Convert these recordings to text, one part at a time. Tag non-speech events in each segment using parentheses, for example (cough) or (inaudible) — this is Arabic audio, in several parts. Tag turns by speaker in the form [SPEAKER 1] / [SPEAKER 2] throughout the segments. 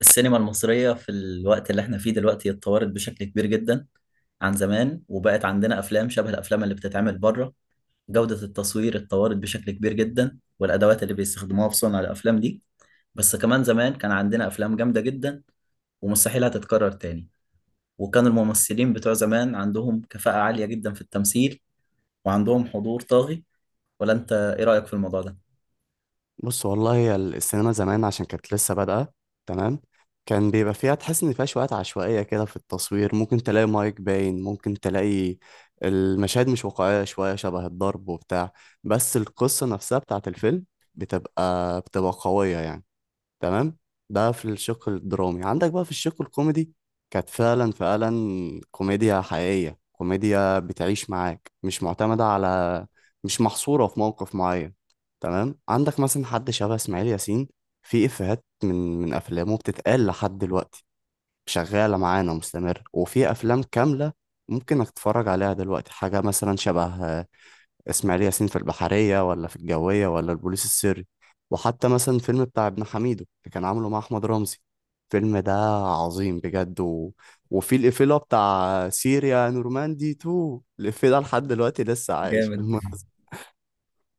[SPEAKER 1] السينما المصرية في الوقت اللي احنا فيه دلوقتي اتطورت بشكل كبير جدا عن زمان، وبقت عندنا أفلام شبه الأفلام اللي بتتعمل بره. جودة التصوير اتطورت بشكل كبير جدا، والأدوات اللي بيستخدموها في صنع الأفلام دي. بس كمان زمان كان عندنا أفلام جامدة جدا، ومستحيل هتتكرر تاني. وكان الممثلين بتوع زمان عندهم كفاءة عالية جدا في التمثيل، وعندهم حضور طاغي. ولا أنت إيه رأيك في الموضوع ده؟
[SPEAKER 2] بص والله هي السينما زمان عشان كانت لسه بادئة. تمام. كان بيبقى فيها تحس إن فيها شوية عشوائية كده في التصوير، ممكن تلاقي مايك باين، ممكن تلاقي المشاهد مش واقعية شوية، شبه الضرب وبتاع. بس القصة نفسها بتاعت الفيلم بتبقى قوية يعني. تمام. ده في الشق الدرامي. عندك بقى في الشق الكوميدي كانت فعلا فعلا كوميديا حقيقية، كوميديا بتعيش معاك، مش معتمدة على، مش محصورة في موقف معين. تمام، عندك مثلا حد شبه إسماعيل ياسين. في إفيهات من أفلامه بتتقال لحد دلوقتي، شغالة معانا مستمر. وفي أفلام كاملة ممكن إنك تتفرج عليها دلوقتي، حاجة مثلا شبه اسماعيل ياسين في البحرية، ولا في الجوية، ولا البوليس السري. وحتى مثلا الفيلم بتاع ابن حميدو اللي كان عامله مع أحمد رمزي. الفيلم ده عظيم بجد. وفي الإفيلا بتاع سيريا نورماندي 2، الإفيه ده لحد دلوقتي لسه عايش
[SPEAKER 1] جامد.
[SPEAKER 2] بالمناسبة.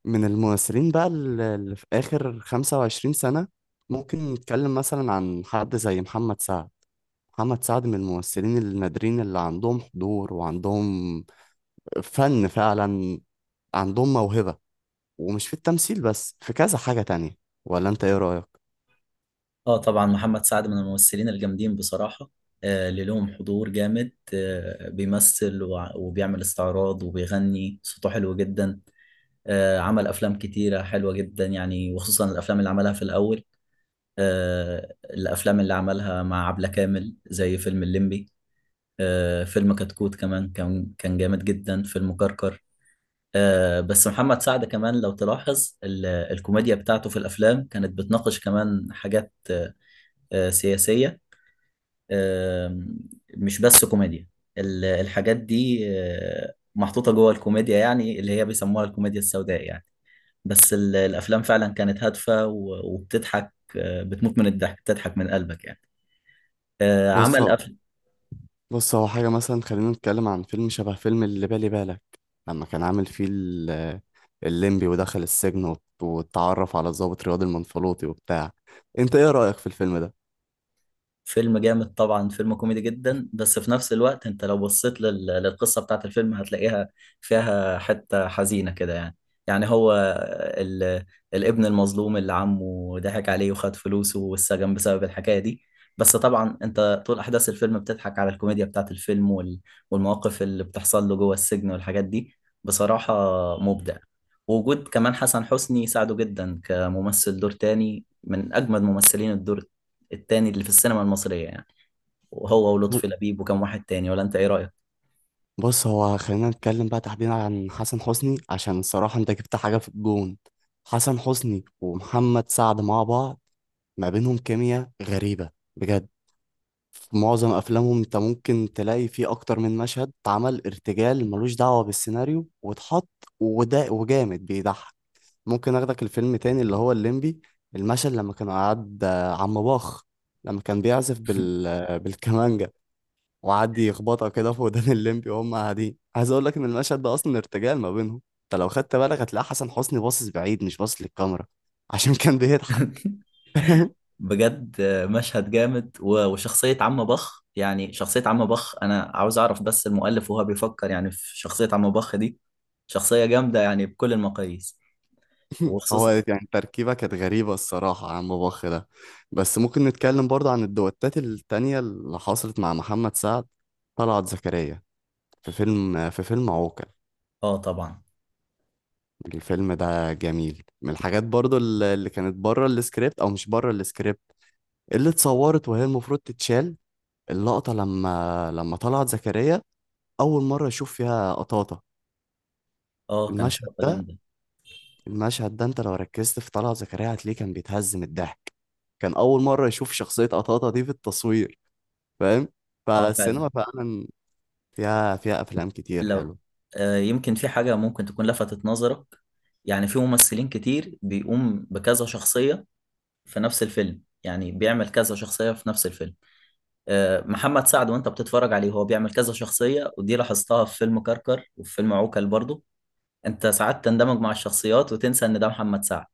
[SPEAKER 2] من الممثلين بقى اللي في آخر 25 سنة، ممكن نتكلم مثلا عن حد زي محمد سعد. محمد سعد من الممثلين النادرين اللي عندهم حضور وعندهم فن فعلا، عندهم موهبة، ومش في التمثيل بس، في كذا حاجة تانية. ولا انت ايه رأيك؟
[SPEAKER 1] اه طبعا محمد سعد من الممثلين الجامدين بصراحة. اللي لهم حضور جامد، بيمثل وبيعمل استعراض وبيغني، صوته حلو جدا. عمل أفلام كتيرة حلوة جدا يعني، وخصوصا الأفلام اللي عملها في الأول. الأفلام اللي عملها مع عبلة كامل زي فيلم الليمبي. فيلم كتكوت كمان كان جامد جدا، فيلم كركر. بس محمد سعد كمان لو تلاحظ الكوميديا بتاعته في الأفلام كانت بتناقش كمان حاجات سياسية، آم، مش بس كوميديا. الحاجات دي محطوطة جوه الكوميديا، يعني اللي هي بيسموها الكوميديا السوداء يعني. بس الأفلام فعلا كانت هادفة وبتضحك، بتموت من الضحك، بتضحك من قلبك يعني. آه،
[SPEAKER 2] بص
[SPEAKER 1] عمل
[SPEAKER 2] هو
[SPEAKER 1] أف...
[SPEAKER 2] بص هو حاجة مثلا خلينا نتكلم عن فيلم شبه فيلم اللي بالي بالك لما كان عامل فيه الليمبي ودخل السجن واتعرف على الضابط رياض المنفلوطي وبتاع. انت ايه رأيك في الفيلم ده؟
[SPEAKER 1] فيلم جامد طبعا، فيلم كوميدي جدا، بس في نفس الوقت انت لو بصيت للقصة بتاعت الفيلم هتلاقيها فيها حتة حزينة كده يعني. يعني هو ال... الابن المظلوم اللي عمه ضحك عليه وخد فلوسه، والسجن بسبب الحكاية دي. بس طبعا انت طول احداث الفيلم بتضحك على الكوميديا بتاعت الفيلم والمواقف اللي بتحصل له جوه السجن والحاجات دي. بصراحة مبدع. ووجود كمان حسن حسني ساعده جدا كممثل دور تاني، من اجمد ممثلين الدور التاني اللي في السينما المصرية يعني. وهو
[SPEAKER 2] ب-
[SPEAKER 1] ولطفي لبيب وكم واحد تاني. ولا انت ايه رأيك؟
[SPEAKER 2] بص هو خلينا نتكلم بقى تحديدا عن حسن حسني، عشان الصراحة انت جبت حاجة في الجون. حسن حسني ومحمد سعد مع بعض ما بينهم كيمياء غريبة بجد. في معظم افلامهم انت ممكن تلاقي فيه اكتر من مشهد اتعمل ارتجال، ملوش دعوة بالسيناريو، واتحط، وده وجامد بيضحك. ممكن اخدك الفيلم تاني اللي هو الليمبي، المشهد لما كان قعد عم باخ لما كان بيعزف بال (laughs) بالكمانجا، وقعد يخبطها كده في ودان الليمبي وهم قاعدين. عايز اقول لك ان المشهد ده اصلا ارتجال ما بينهم. انت لو خدت بالك هتلاقي حسن حسني باصص بعيد، مش باصص للكاميرا، عشان كان بيضحك. (laughs)
[SPEAKER 1] بجد مشهد جامد وشخصية عم بخ. يعني شخصية عم بخ انا عاوز اعرف بس المؤلف وهو بيفكر يعني في شخصية عم بخ دي. شخصية جامدة يعني بكل المقاييس،
[SPEAKER 2] هو
[SPEAKER 1] وخصوصا.
[SPEAKER 2] يعني تركيبة كانت غريبة الصراحة عن باباخ ده. بس ممكن نتكلم برضه عن الدوتات التانية اللي حصلت مع محمد سعد، طلعت زكريا في فيلم عوكل.
[SPEAKER 1] اه طبعا.
[SPEAKER 2] الفيلم ده جميل. من الحاجات برضه اللي كانت بره السكريبت او مش بره السكريبت، اللي اتصورت وهي المفروض تتشال، اللقطة لما طلعت زكريا اول مرة يشوف فيها قطاطة.
[SPEAKER 1] اه كانت
[SPEAKER 2] المشهد
[SPEAKER 1] لقطة
[SPEAKER 2] ده،
[SPEAKER 1] جامدة.
[SPEAKER 2] المشهد ده انت لو ركزت في طلعت زكريا هتلاقيه كان بيتهز من الضحك، كان اول مره يشوف شخصيه قطاطا دي في التصوير. فاهم؟
[SPEAKER 1] اه فعلا.
[SPEAKER 2] فالسينما فعلا فيها فيها افلام كتير
[SPEAKER 1] لو
[SPEAKER 2] حلو.
[SPEAKER 1] يمكن في حاجة ممكن تكون لفتت نظرك. يعني في ممثلين كتير بيقوم بكذا شخصية في نفس الفيلم، يعني بيعمل كذا شخصية في نفس الفيلم. محمد سعد وانت بتتفرج عليه هو بيعمل كذا شخصية، ودي لاحظتها في فيلم كركر وفي فيلم عوكل برضو. انت ساعات تندمج مع الشخصيات وتنسى ان ده محمد سعد.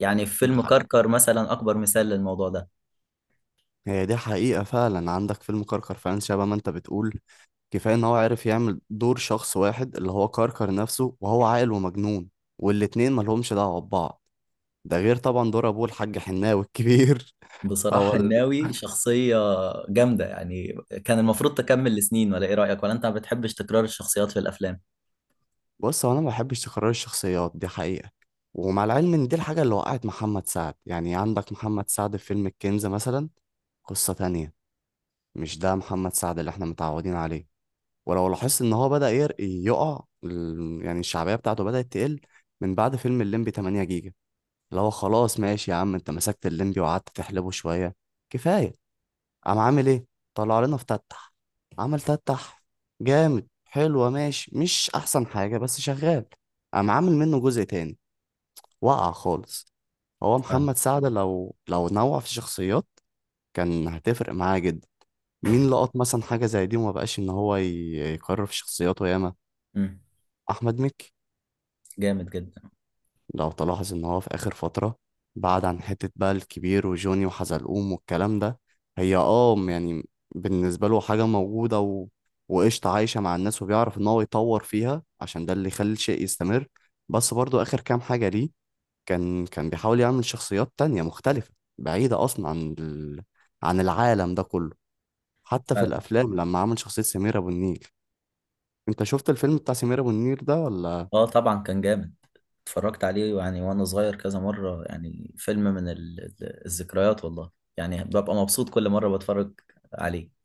[SPEAKER 1] يعني في
[SPEAKER 2] دي
[SPEAKER 1] فيلم
[SPEAKER 2] حق-
[SPEAKER 1] كركر مثلا اكبر مثال للموضوع ده.
[SPEAKER 2] هي دي حقيقه فعلا. عندك فيلم كركر فعلا شبه ما انت بتقول، كفايه ان هو عرف يعمل دور شخص واحد اللي هو كركر نفسه، وهو عاقل ومجنون، والاتنين مالهمش دعوه ببعض. ده غير طبعا دور ابوه الحاج حناوي الكبير. (laughs)
[SPEAKER 1] بصراحة
[SPEAKER 2] هو
[SPEAKER 1] الناوي شخصية جامدة يعني. كان المفروض تكمل لسنين، ولا ايه رأيك؟ ولا انت ما بتحبش تكرار الشخصيات في الافلام؟
[SPEAKER 2] بص هو انا ما بحبش تكرار الشخصيات دي حقيقة. ومع العلم ان دي الحاجة اللي وقعت محمد سعد. يعني عندك محمد سعد في فيلم الكنز مثلا، قصة تانية، مش ده محمد سعد اللي احنا متعودين عليه. ولو لاحظت ان هو بدأ يعني الشعبية بتاعته بدأت تقل من بعد فيلم الليمبي 8 جيجا، اللي هو خلاص ماشي يا عم، انت مسكت الليمبي وقعدت تحلبه شوية، كفاية. قام عامل ايه؟ طلع لنا فتتح. عمل فتتح، جامد، حلوة، ماشي مش احسن حاجة بس شغال. قام عامل منه جزء تاني، وقع خالص. هو
[SPEAKER 1] فعلا.
[SPEAKER 2] محمد سعد لو نوع في الشخصيات كان هتفرق معاه جدا. مين لقط مثلا حاجة زي دي وما بقاش ان هو يكرر في شخصياته ياما؟
[SPEAKER 1] امم
[SPEAKER 2] احمد مكي
[SPEAKER 1] جامد جدا.
[SPEAKER 2] لو تلاحظ ان هو في اخر فترة بعد عن حتة بقى الكبير وجوني وحزلقوم والكلام ده. هي يعني بالنسبة له حاجة موجودة. وقشطة، عايشة مع الناس، وبيعرف ان هو يطور فيها عشان ده اللي يخلي الشيء يستمر. بس برضو اخر كام حاجة ليه كان بيحاول يعمل شخصيات تانية مختلفة، بعيدة اصلا عن عن العالم ده كله. حتى في
[SPEAKER 1] فعلا.
[SPEAKER 2] الافلام لما عمل شخصية سمير ابو النيل، انت شفت الفيلم بتاع سمير ابو النيل ده ولا؟
[SPEAKER 1] اه طبعا كان جامد. اتفرجت عليه يعني وانا صغير كذا مرة، يعني فيلم من الذكريات والله. يعني ببقى مبسوط كل مرة بتفرج عليه.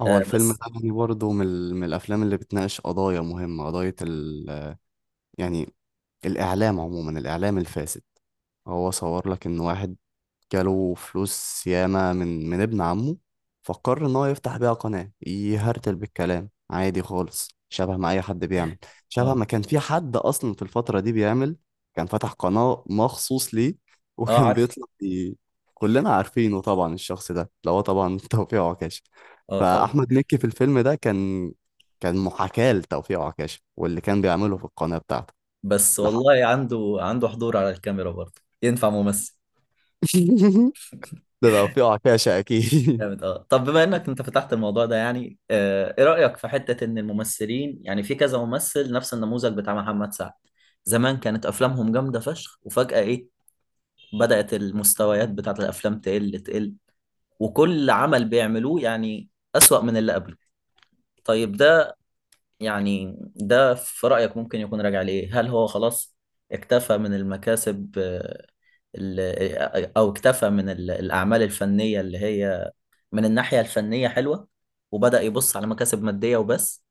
[SPEAKER 2] هو
[SPEAKER 1] آه
[SPEAKER 2] الفيلم ده
[SPEAKER 1] بس.
[SPEAKER 2] يعني برضه من الأفلام اللي بتناقش قضايا مهمة، قضية. يعني الإعلام عموما، الإعلام الفاسد. هو صور لك إن واحد جاله فلوس ياما من ابن عمه، فقرر ان هو يفتح بيها قناة يهرتل بالكلام عادي خالص شبه ما اي حد بيعمل، شبه
[SPEAKER 1] اه.
[SPEAKER 2] ما كان في حد اصلا في الفترة دي بيعمل. كان فتح قناة مخصوص ليه (laughs)
[SPEAKER 1] اه
[SPEAKER 2] وكان
[SPEAKER 1] عارف.
[SPEAKER 2] بيطلع. كلنا عارفينه طبعا، الشخص ده اللي هو طبعا (laughs) توفيق عكاشة.
[SPEAKER 1] اه طبعا.
[SPEAKER 2] فاحمد مكي في الفيلم ده كان، كان محاكاة لتوفيق عكاشة واللي كان بيعمله في القناة بتاعته.
[SPEAKER 1] بس
[SPEAKER 2] لحق.
[SPEAKER 1] والله عنده حضور على الكاميرا، برضه ينفع ممثل.
[SPEAKER 2] (laughs) ده توفيق عكاشة (laughs) اكيد.
[SPEAKER 1] جامد. اه طب بما انك انت فتحت الموضوع ده، يعني آه ايه رأيك في حتة ان الممثلين، يعني في كذا ممثل نفس النموذج بتاع محمد سعد، زمان كانت افلامهم جامدة فشخ، وفجأة ايه بدأت المستويات بتاعت الافلام تقل، وكل عمل بيعملوه يعني أسوأ من اللي قبله. طيب ده يعني ده في رأيك ممكن يكون راجع لإيه؟ هل هو خلاص اكتفى من المكاسب، ال- أو اكتفى من الأعمال الفنية اللي هي من الناحية الفنية حلوة، وبدأ يبص على مكاسب مادية وبس؟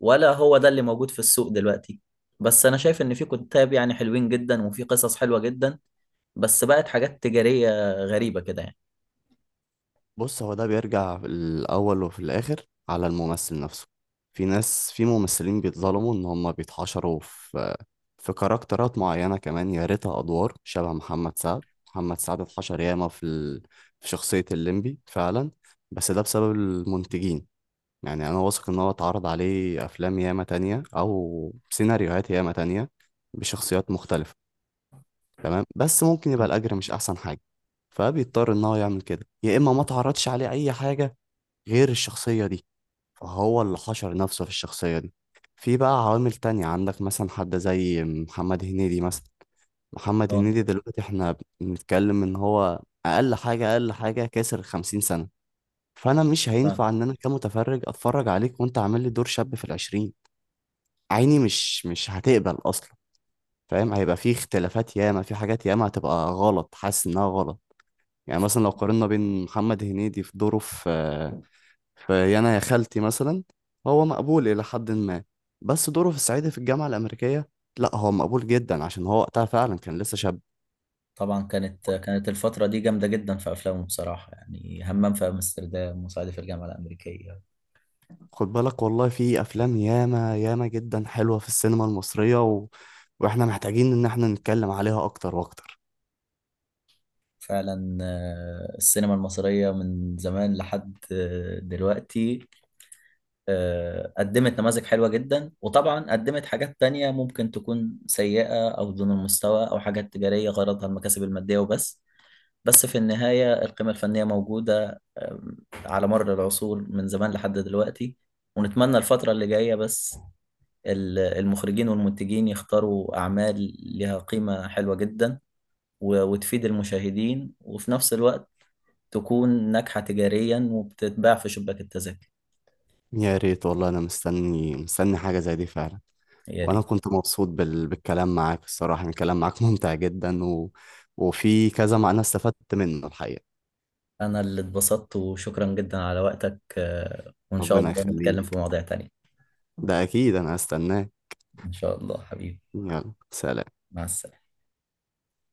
[SPEAKER 1] ولا هو ده اللي موجود في السوق دلوقتي؟ بس أنا شايف إن في كتاب يعني حلوين جدا، وفي قصص حلوة جدا، بس بقت حاجات تجارية غريبة كده يعني.
[SPEAKER 2] بص هو ده بيرجع في الأول وفي الآخر على الممثل نفسه. في ناس، في ممثلين بيتظلموا إن هما بيتحشروا في في كاركترات معينة، كمان يا ريتها أدوار شبه محمد سعد. محمد سعد اتحشر ياما في في شخصية الليمبي فعلا، بس ده بسبب المنتجين. يعني أنا واثق إن هو اتعرض عليه أفلام ياما تانية أو سيناريوهات ياما تانية بشخصيات مختلفة، تمام، بس ممكن يبقى الأجر مش أحسن حاجة، فبيضطر إن هو يعمل كده، يا إما ما اتعرضش عليه أي حاجة غير الشخصية دي، فهو اللي حشر نفسه في الشخصية دي. في بقى عوامل تانية، عندك مثلا حد زي محمد هنيدي مثلا. محمد
[SPEAKER 1] اه
[SPEAKER 2] هنيدي دلوقتي احنا بنتكلم ان هو اقل حاجة اقل حاجة كسر 50 سنة، فانا مش
[SPEAKER 1] فعلا.
[SPEAKER 2] هينفع ان انا كمتفرج اتفرج عليك وانت عامل لي دور شاب في ال20. عيني مش هتقبل اصلا، فاهم؟ هيبقى في اختلافات ياما، في حاجات ياما هتبقى غلط، حاسس انها غلط. يعني مثلا لو قارنا بين محمد هنيدي في دوره في في يانا يا خالتي مثلا، هو مقبول إلى حد ما. بس دوره في الصعيدي في الجامعة الأمريكية، لا هو مقبول جدا عشان هو وقتها فعلا كان لسه شاب.
[SPEAKER 1] طبعا كانت الفترة دي جامدة جدا في أفلامه بصراحة، يعني همام في أمستردام، وصعيدي في الجامعة الأمريكية.
[SPEAKER 2] خد بالك والله في أفلام ياما ياما جدا حلوة في السينما المصرية وإحنا محتاجين إن إحنا نتكلم عليها أكتر وأكتر.
[SPEAKER 1] فعلا، السينما المصرية من زمان لحد دلوقتي قدمت نماذج حلوة جدا، وطبعا قدمت حاجات تانية ممكن تكون سيئة أو دون المستوى أو حاجات تجارية غرضها المكاسب المادية وبس. بس في النهاية القيمة الفنية موجودة، على مر العصور من زمان لحد دلوقتي. ونتمنى الفترة اللي جاية بس المخرجين والمنتجين يختاروا أعمال لها قيمة حلوة جدا، وتفيد المشاهدين، وفي نفس الوقت تكون ناجحة تجاريا وبتتباع في شباك التذاكر.
[SPEAKER 2] يا ريت والله، أنا مستني مستني حاجة زي دي فعلا.
[SPEAKER 1] يا
[SPEAKER 2] وأنا
[SPEAKER 1] ريت.
[SPEAKER 2] كنت مبسوط بالكلام معاك الصراحة، يعني الكلام معاك ممتع جدا وفي كذا معنى استفدت منه الحقيقة.
[SPEAKER 1] أنا اللي اتبسطت، وشكرا جدا على وقتك، وإن شاء
[SPEAKER 2] ربنا
[SPEAKER 1] الله نتكلم
[SPEAKER 2] يخليك،
[SPEAKER 1] في مواضيع تانية.
[SPEAKER 2] ده أكيد أنا هستناك.
[SPEAKER 1] إن شاء الله حبيبي.
[SPEAKER 2] يلا، سلام.
[SPEAKER 1] مع السلامة.